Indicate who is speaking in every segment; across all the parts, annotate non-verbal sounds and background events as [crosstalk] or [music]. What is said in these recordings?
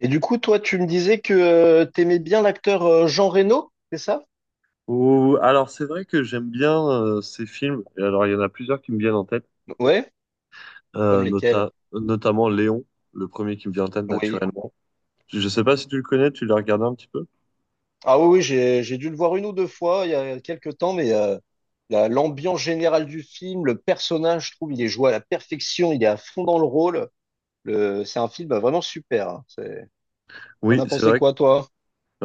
Speaker 1: Et du coup, toi, tu me disais que t'aimais bien l'acteur Jean Reno, c'est ça?
Speaker 2: Alors, c'est vrai que j'aime bien ces films. Et alors, il y en a plusieurs qui me viennent en tête,
Speaker 1: Ouais, comme lesquels?
Speaker 2: notamment Léon, le premier qui me vient en tête
Speaker 1: Oui.
Speaker 2: naturellement. Je ne sais pas si tu le connais, tu l'as regardé un petit peu?
Speaker 1: Ah oui, oui, j'ai dû le voir une ou deux fois il y a quelques temps, mais l'ambiance générale du film, le personnage, je trouve, il est joué à la perfection, il est à fond dans le rôle. C'est un film vraiment super, hein. T'en
Speaker 2: Oui,
Speaker 1: as
Speaker 2: c'est
Speaker 1: pensé
Speaker 2: vrai que,
Speaker 1: quoi, toi?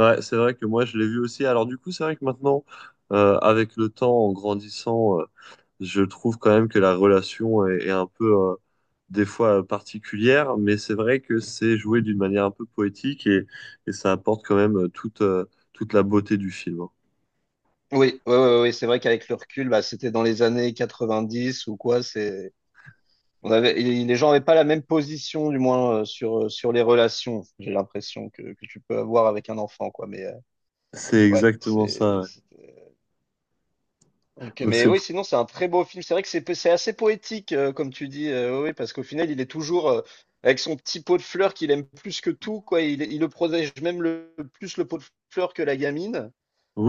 Speaker 2: ouais, c'est vrai que moi, je l'ai vu aussi. Alors, du coup, c'est vrai que maintenant, avec le temps, en grandissant, je trouve quand même que la relation est un peu, des fois, particulière, mais c'est vrai que c'est joué d'une manière un peu poétique et ça apporte quand même toute la beauté du film, hein.
Speaker 1: Oui, oui, oui, oui, c'est vrai qu'avec le recul, bah, c'était dans les années 90 ou quoi. C'est On avait, et les gens n'avaient pas la même position, du moins, sur, sur les relations, j'ai l'impression, que tu peux avoir avec un enfant, quoi. Mais
Speaker 2: C'est
Speaker 1: ouais,
Speaker 2: exactement ça. Ouais.
Speaker 1: Donc,
Speaker 2: Donc
Speaker 1: mais
Speaker 2: c'est...
Speaker 1: oui,
Speaker 2: [laughs]
Speaker 1: sinon, c'est un très beau film. C'est vrai que c'est assez poétique, comme tu dis, oui, oui, parce qu'au final, il est toujours avec son petit pot de fleurs qu'il aime plus que tout, quoi. Il le protège même plus le pot de fleurs que la gamine.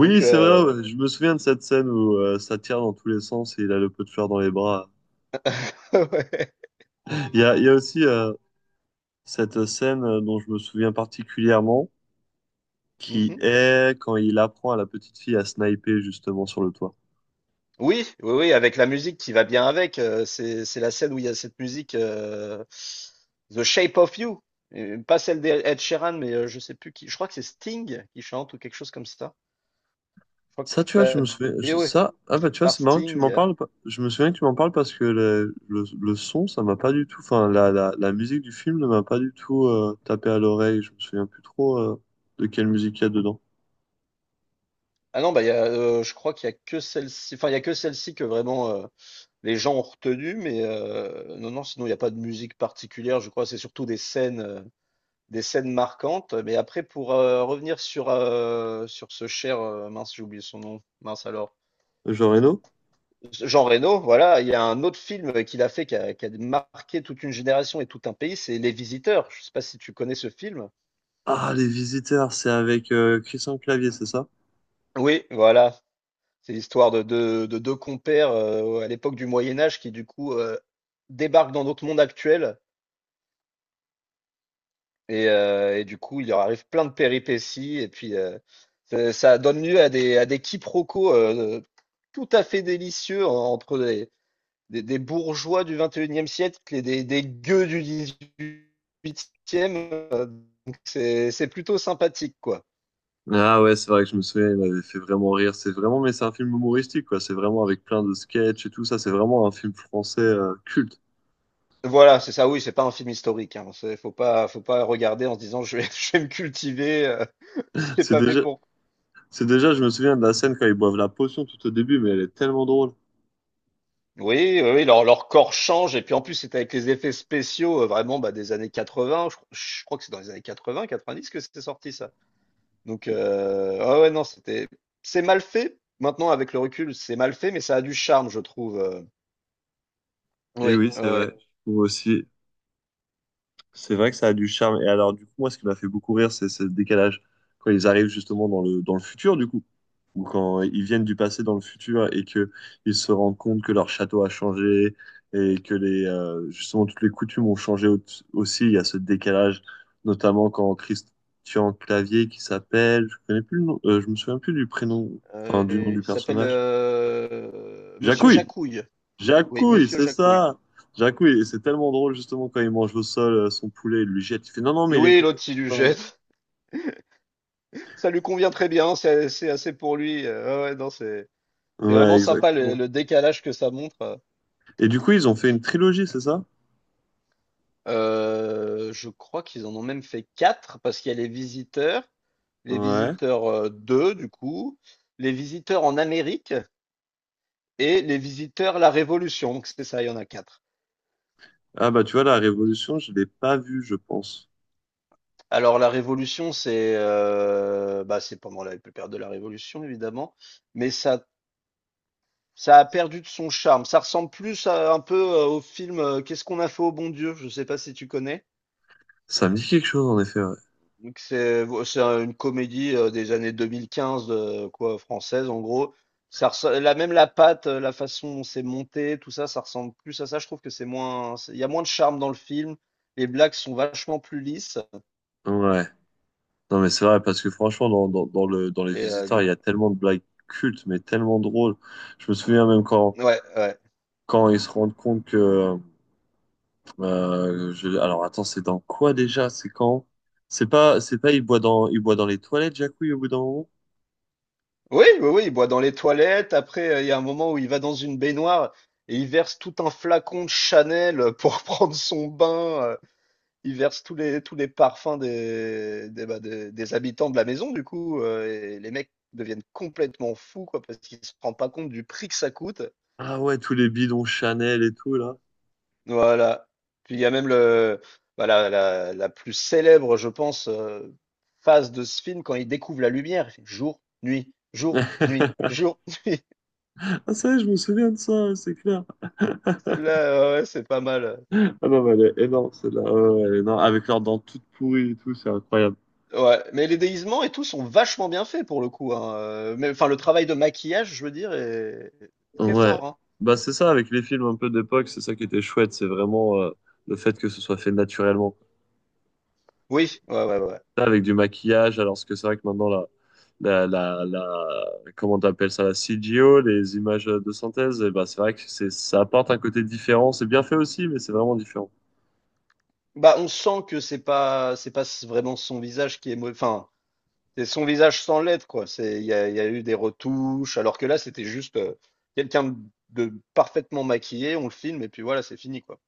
Speaker 1: Donc,
Speaker 2: c'est vrai, ouais, je me souviens de cette scène où ça tire dans tous les sens et il a le pot de fleurs dans les bras.
Speaker 1: [laughs] ouais.
Speaker 2: Il y a aussi cette scène, dont je me souviens particulièrement, qui
Speaker 1: Mhm.
Speaker 2: est quand il apprend à la petite fille à sniper justement sur le toit.
Speaker 1: Oui, oui, oui, avec la musique qui va bien avec. C'est la scène où il y a cette musique The Shape of You. Et pas celle d'Ed Sheeran, mais je sais plus qui. Je crois que c'est Sting qui chante ou quelque chose comme ça. Je crois
Speaker 2: Ça,
Speaker 1: que
Speaker 2: tu vois, je
Speaker 1: la
Speaker 2: me souviens. je-
Speaker 1: BO est
Speaker 2: ça, ah bah,
Speaker 1: faite
Speaker 2: tu vois,
Speaker 1: par
Speaker 2: c'est marrant que tu m'en
Speaker 1: Sting.
Speaker 2: parles. Je me souviens que tu m'en parles parce que le son, ça m'a pas du tout. Enfin, la musique du film ne m'a pas du tout tapé à l'oreille. Je me souviens plus trop de quelle musique il y a dedans.
Speaker 1: Ah non, bah, il y a, je crois qu'il y a que celle-ci. Enfin, il y a que celle-ci que vraiment les gens ont retenu, mais non, non, sinon il n'y a pas de musique particulière. Je crois que c'est surtout des scènes. Des scènes marquantes. Mais après pour, revenir sur ce cher, mince, j'ai oublié son nom, mince alors,
Speaker 2: Jean Reno?
Speaker 1: Jean Reno, voilà, il y a un autre film qu'il a fait qui a marqué toute une génération et tout un pays, c'est Les Visiteurs. Je ne sais pas si tu connais ce film?
Speaker 2: Ah, Les Visiteurs, c'est avec Christian Clavier, c'est ça?
Speaker 1: Oui, voilà, c'est l'histoire de 2 de 2 compères, à l'époque du Moyen Âge qui du coup, débarquent dans notre monde actuel. Et du coup, il leur arrive plein de péripéties. Et puis, ça donne lieu à des, quiproquos tout à fait délicieux entre des bourgeois du 21e siècle et des gueux du 18e. euh, donc c'est plutôt sympathique, quoi.
Speaker 2: Ah ouais, c'est vrai que je me souviens, il m'avait fait vraiment rire. Mais c'est un film humoristique, quoi. C'est vraiment avec plein de sketchs et tout ça. C'est vraiment un film français culte.
Speaker 1: Voilà, c'est ça. Oui, c'est pas un film historique, hein. Faut pas, regarder en se disant je vais, [laughs] je vais me cultiver. [laughs] C'est
Speaker 2: C'est
Speaker 1: pas fait
Speaker 2: déjà,
Speaker 1: pour.
Speaker 2: c'est déjà, je me souviens de la scène quand ils boivent la potion tout au début, mais elle est tellement drôle.
Speaker 1: Oui, oui, oui, leur corps change. Et puis en plus, c'est avec les effets spéciaux vraiment bah, des années 80. Je crois que c'est dans les années 80, 90 que c'est sorti ça. Donc, ah ouais, non, C'est mal fait. Maintenant, avec le recul, c'est mal fait, mais ça a du charme, je trouve.
Speaker 2: Et
Speaker 1: Oui,
Speaker 2: oui, c'est
Speaker 1: ouais.
Speaker 2: vrai. Moi aussi. C'est vrai que ça a du charme. Et alors, du coup, moi, ce qui m'a fait beaucoup rire, c'est le décalage. Quand ils arrivent justement dans le futur, du coup, ou quand ils viennent du passé dans le futur et que ils se rendent compte que leur château a changé et que justement toutes les coutumes ont changé aussi. Il y a ce décalage, notamment quand Christian Clavier, qui s'appelle, je connais plus le nom, je me souviens plus du prénom, enfin, du nom du
Speaker 1: Il s'appelle
Speaker 2: personnage.
Speaker 1: Monsieur
Speaker 2: Jacouille!
Speaker 1: Jacouille. Oui,
Speaker 2: Jacouille,
Speaker 1: Monsieur
Speaker 2: c'est
Speaker 1: Jacouille.
Speaker 2: ça. Jacouille, et c'est tellement drôle justement quand il mange au sol son poulet, il lui jette, il fait non, non, mais il est
Speaker 1: Oui, l'autre, il lui
Speaker 2: content de
Speaker 1: jette. [laughs] Ça lui convient très bien. C'est assez pour lui. Ouais, ouais, non, c'est
Speaker 2: ça.
Speaker 1: c'est vraiment
Speaker 2: Ouais,
Speaker 1: sympa
Speaker 2: exactement.
Speaker 1: le décalage que ça montre.
Speaker 2: Et du coup, ils ont fait une trilogie, c'est ça?
Speaker 1: Je crois qu'ils en ont même fait 4 parce qu'il y a Les Visiteurs, Les
Speaker 2: Ouais.
Speaker 1: Visiteurs, 2 du coup, Les Visiteurs en Amérique et Les Visiteurs la Révolution. Donc c'est ça, il y en a 4.
Speaker 2: Ah bah tu vois, la Révolution, je l'ai pas vue, je pense.
Speaker 1: Alors la Révolution, c'est pendant la période de la Révolution évidemment, mais ça a perdu de son charme. Ça ressemble plus à un peu, au film, Qu'est-ce qu'on a fait au bon Dieu? Je sais pas si tu connais?
Speaker 2: Ça me dit quelque chose en effet, ouais.
Speaker 1: Donc c'est une comédie, des années 2015, quoi, française en gros. Ça ressem la patte, la façon dont c'est monté, tout ça, ça ressemble plus à ça. Je trouve que c'est moins c'est il y a moins de charme dans le film. Les blagues sont vachement plus lisses
Speaker 2: Ouais. Non mais c'est vrai, parce que franchement, dans les
Speaker 1: et
Speaker 2: Visiteurs, il y
Speaker 1: donc
Speaker 2: a tellement de blagues cultes, mais tellement drôles. Je me souviens même quand,
Speaker 1: ouais, ouais.
Speaker 2: quand ils se rendent compte que, Alors attends, c'est dans quoi déjà? C'est quand? C'est pas, il boit dans les toilettes, Jacouille, au bout d'un moment?
Speaker 1: Oui, oui, oui, il boit dans les toilettes. Après, il y a un moment où il va dans une baignoire et il verse tout un flacon de Chanel, pour [laughs] prendre son bain. euh, Ils versent tous les parfums des, bah, des habitants de la maison du coup, et les mecs deviennent complètement fous quoi, parce qu'ils se rendent pas compte du prix que ça coûte.
Speaker 2: Ah ouais, tous les bidons Chanel et tout, là.
Speaker 1: Voilà. Puis il y a même le bah, la plus célèbre je pense, phase de ce film, quand il découvre la lumière, il fait: «Jour, nuit, jour, nuit,
Speaker 2: [laughs]
Speaker 1: jour, [laughs] nuit».
Speaker 2: Ah ça, y est, je me souviens de ça, c'est clair.
Speaker 1: Celle-là, ouais, ouais, c'est pas mal.
Speaker 2: Ah non, mais elle est énorme, celle-là. Ouais, ouais, elle est énorme. Avec leurs dents toutes pourries et tout, c'est incroyable.
Speaker 1: Ouais, mais les déguisements et tout sont vachement bien faits pour le coup, hein, mais enfin le travail de maquillage je veux dire est très
Speaker 2: Ouais.
Speaker 1: fort, hein.
Speaker 2: Bah c'est ça, avec les films un peu d'époque, c'est ça qui était chouette, c'est vraiment le fait que ce soit fait naturellement.
Speaker 1: Oui, ouais, ouais, ouais.
Speaker 2: Avec du maquillage, alors que c'est vrai que maintenant, comment t'appelles ça, la CGO, les images de synthèse, et ben, c'est vrai que c'est, ça apporte un côté différent. C'est bien fait aussi, mais c'est vraiment différent.
Speaker 1: Bah, on sent que c'est pas vraiment son visage qui est mau enfin, c'est son visage sans l'être, quoi. C'est il y a eu des retouches, alors que là, c'était juste quelqu'un de parfaitement maquillé, on le filme et puis voilà, c'est fini, quoi.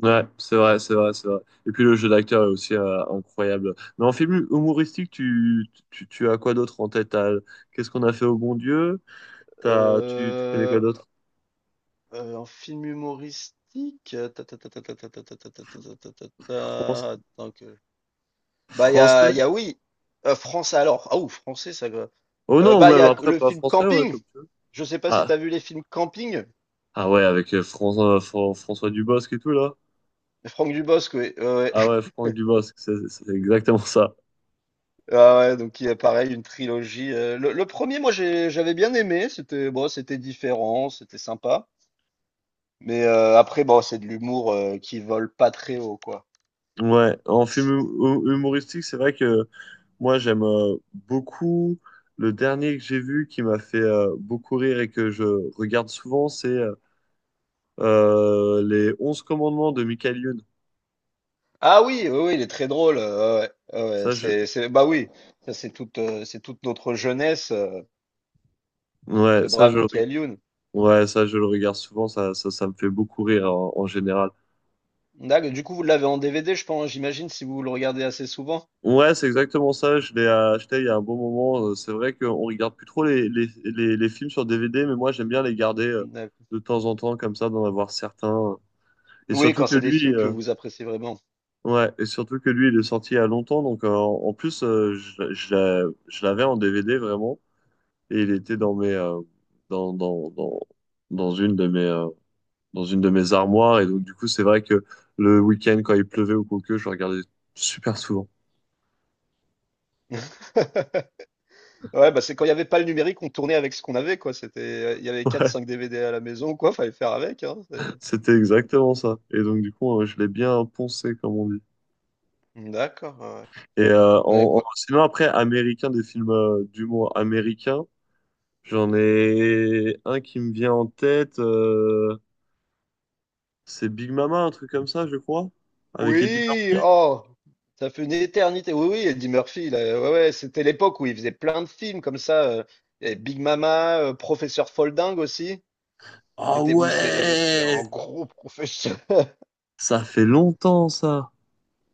Speaker 2: Ouais, c'est vrai, c'est vrai, c'est vrai. Et puis le jeu d'acteur est aussi incroyable. Mais en film humoristique, tu as quoi d'autre en tête? Qu'est-ce qu'on a fait au bon Dieu? Tu connais quoi
Speaker 1: Euh,
Speaker 2: d'autre?
Speaker 1: un film humoristique.
Speaker 2: France-
Speaker 1: Attends que. Bah, il y a,
Speaker 2: Français?
Speaker 1: oui. Français alors. Ah ou français, ça.
Speaker 2: Oh non, ou
Speaker 1: Bah, il y
Speaker 2: même
Speaker 1: a
Speaker 2: après,
Speaker 1: le
Speaker 2: pas
Speaker 1: film
Speaker 2: français, ouais,
Speaker 1: Camping.
Speaker 2: comme tu veux.
Speaker 1: Je sais pas si tu
Speaker 2: Ah,
Speaker 1: as vu les films Camping.
Speaker 2: ah ouais, avec François Dubosc et tout, là.
Speaker 1: Franck Dubosc, oui.
Speaker 2: Ah ouais, Franck Dubosc, c'est exactement ça.
Speaker 1: Ah ouais, donc il y a pareil une trilogie. Le premier, moi j'avais bien aimé, c'était bon, c'était différent, c'était sympa. Mais après, bon, c'est de l'humour qui vole pas très haut, quoi.
Speaker 2: Ouais, en film humoristique, c'est vrai que moi j'aime beaucoup. Le dernier que j'ai vu qui m'a fait beaucoup rire et que je regarde souvent, c'est les 11 commandements de Michael Youn.
Speaker 1: Ah oui, oui, oui, il est très drôle. Ouais, ah ouais,
Speaker 2: Ça, je...
Speaker 1: bah oui, c'est toute notre jeunesse, ce
Speaker 2: Ouais, ça,
Speaker 1: brave
Speaker 2: je le... re-
Speaker 1: Michael Youn.
Speaker 2: ouais, ça, je le regarde souvent, ça me fait beaucoup rire en général.
Speaker 1: D'accord, du coup, vous l'avez en DVD, je pense, j'imagine, si vous le regardez assez souvent.
Speaker 2: Ouais, c'est exactement ça. Je l'ai acheté il y a un bon moment. C'est vrai qu'on regarde plus trop les films sur DVD, mais moi j'aime bien les garder
Speaker 1: D'accord.
Speaker 2: de temps en temps comme ça, d'en avoir certains. Et
Speaker 1: Oui,
Speaker 2: surtout
Speaker 1: quand
Speaker 2: que
Speaker 1: c'est des
Speaker 2: lui,
Speaker 1: films que vous appréciez vraiment.
Speaker 2: ouais, et surtout que lui, il est sorti il y a longtemps. Donc en plus, je l'avais en DVD vraiment, et il était dans, dans, dans, dans une de mes euh, dans une de mes armoires. Et donc du coup, c'est vrai que le week-end quand il pleuvait ou quoi que, je regardais super souvent.
Speaker 1: [laughs] Ouais, bah c'est quand il y avait pas le numérique, on tournait avec ce qu'on avait, quoi. Il y avait 4-5
Speaker 2: [laughs]
Speaker 1: DVD à la maison, quoi. Fallait faire avec, hein.
Speaker 2: C'était exactement ça. Et donc, du coup, je l'ai bien poncé, comme on dit.
Speaker 1: D'accord. Ouais. Ouais, ouais, quoi.
Speaker 2: Sinon, après, américain, des films d'humour américain, j'en ai un qui me vient en tête. C'est Big Mama, un truc comme ça, je crois, avec Eddie
Speaker 1: Oui,
Speaker 2: Murphy.
Speaker 1: oh, ça fait une éternité. Oui, oui, Eddie Murphy, là. Ouais, ouais, c'était l'époque où il faisait plein de films comme ça. Et Big Mama, Professeur Folding aussi.
Speaker 2: Ah
Speaker 1: C'est un
Speaker 2: ouais!
Speaker 1: gros professeur. [laughs]
Speaker 2: Ça fait longtemps, ça.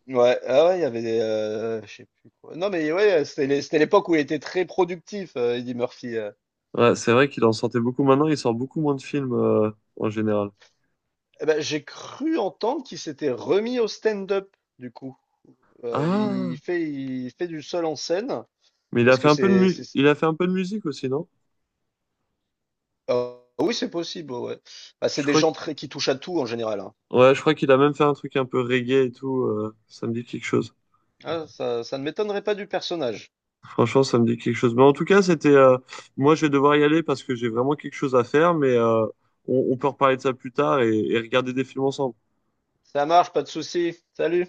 Speaker 1: Ouais, ah ouais, il y avait je sais plus quoi. Non, mais ouais, c'était l'époque où il était très productif, Eddie Murphy.
Speaker 2: Ouais, c'est vrai qu'il en sortait beaucoup. Maintenant, il sort beaucoup moins de films en général.
Speaker 1: Eh ben, j'ai cru entendre qu'il s'était remis au stand-up, du coup. Il
Speaker 2: Ah!
Speaker 1: fait, il fait du seul en scène,
Speaker 2: Mais
Speaker 1: parce que
Speaker 2: il a fait un peu de musique aussi, non?
Speaker 1: Ah oui, c'est possible, ouais, ouais. Bah, c'est
Speaker 2: Je
Speaker 1: des
Speaker 2: crois
Speaker 1: gens qui touchent à tout en général, hein.
Speaker 2: Ouais, je crois qu'il a même fait un truc un peu reggae et tout. Ça me dit quelque chose.
Speaker 1: Ah, ça ne m'étonnerait pas du personnage.
Speaker 2: Franchement, ça me dit quelque chose. Mais en tout cas, c'était. Moi, je vais devoir y aller parce que j'ai vraiment quelque chose à faire. Mais on peut reparler de ça plus tard et regarder des films ensemble.
Speaker 1: Ça marche, pas de souci. Salut.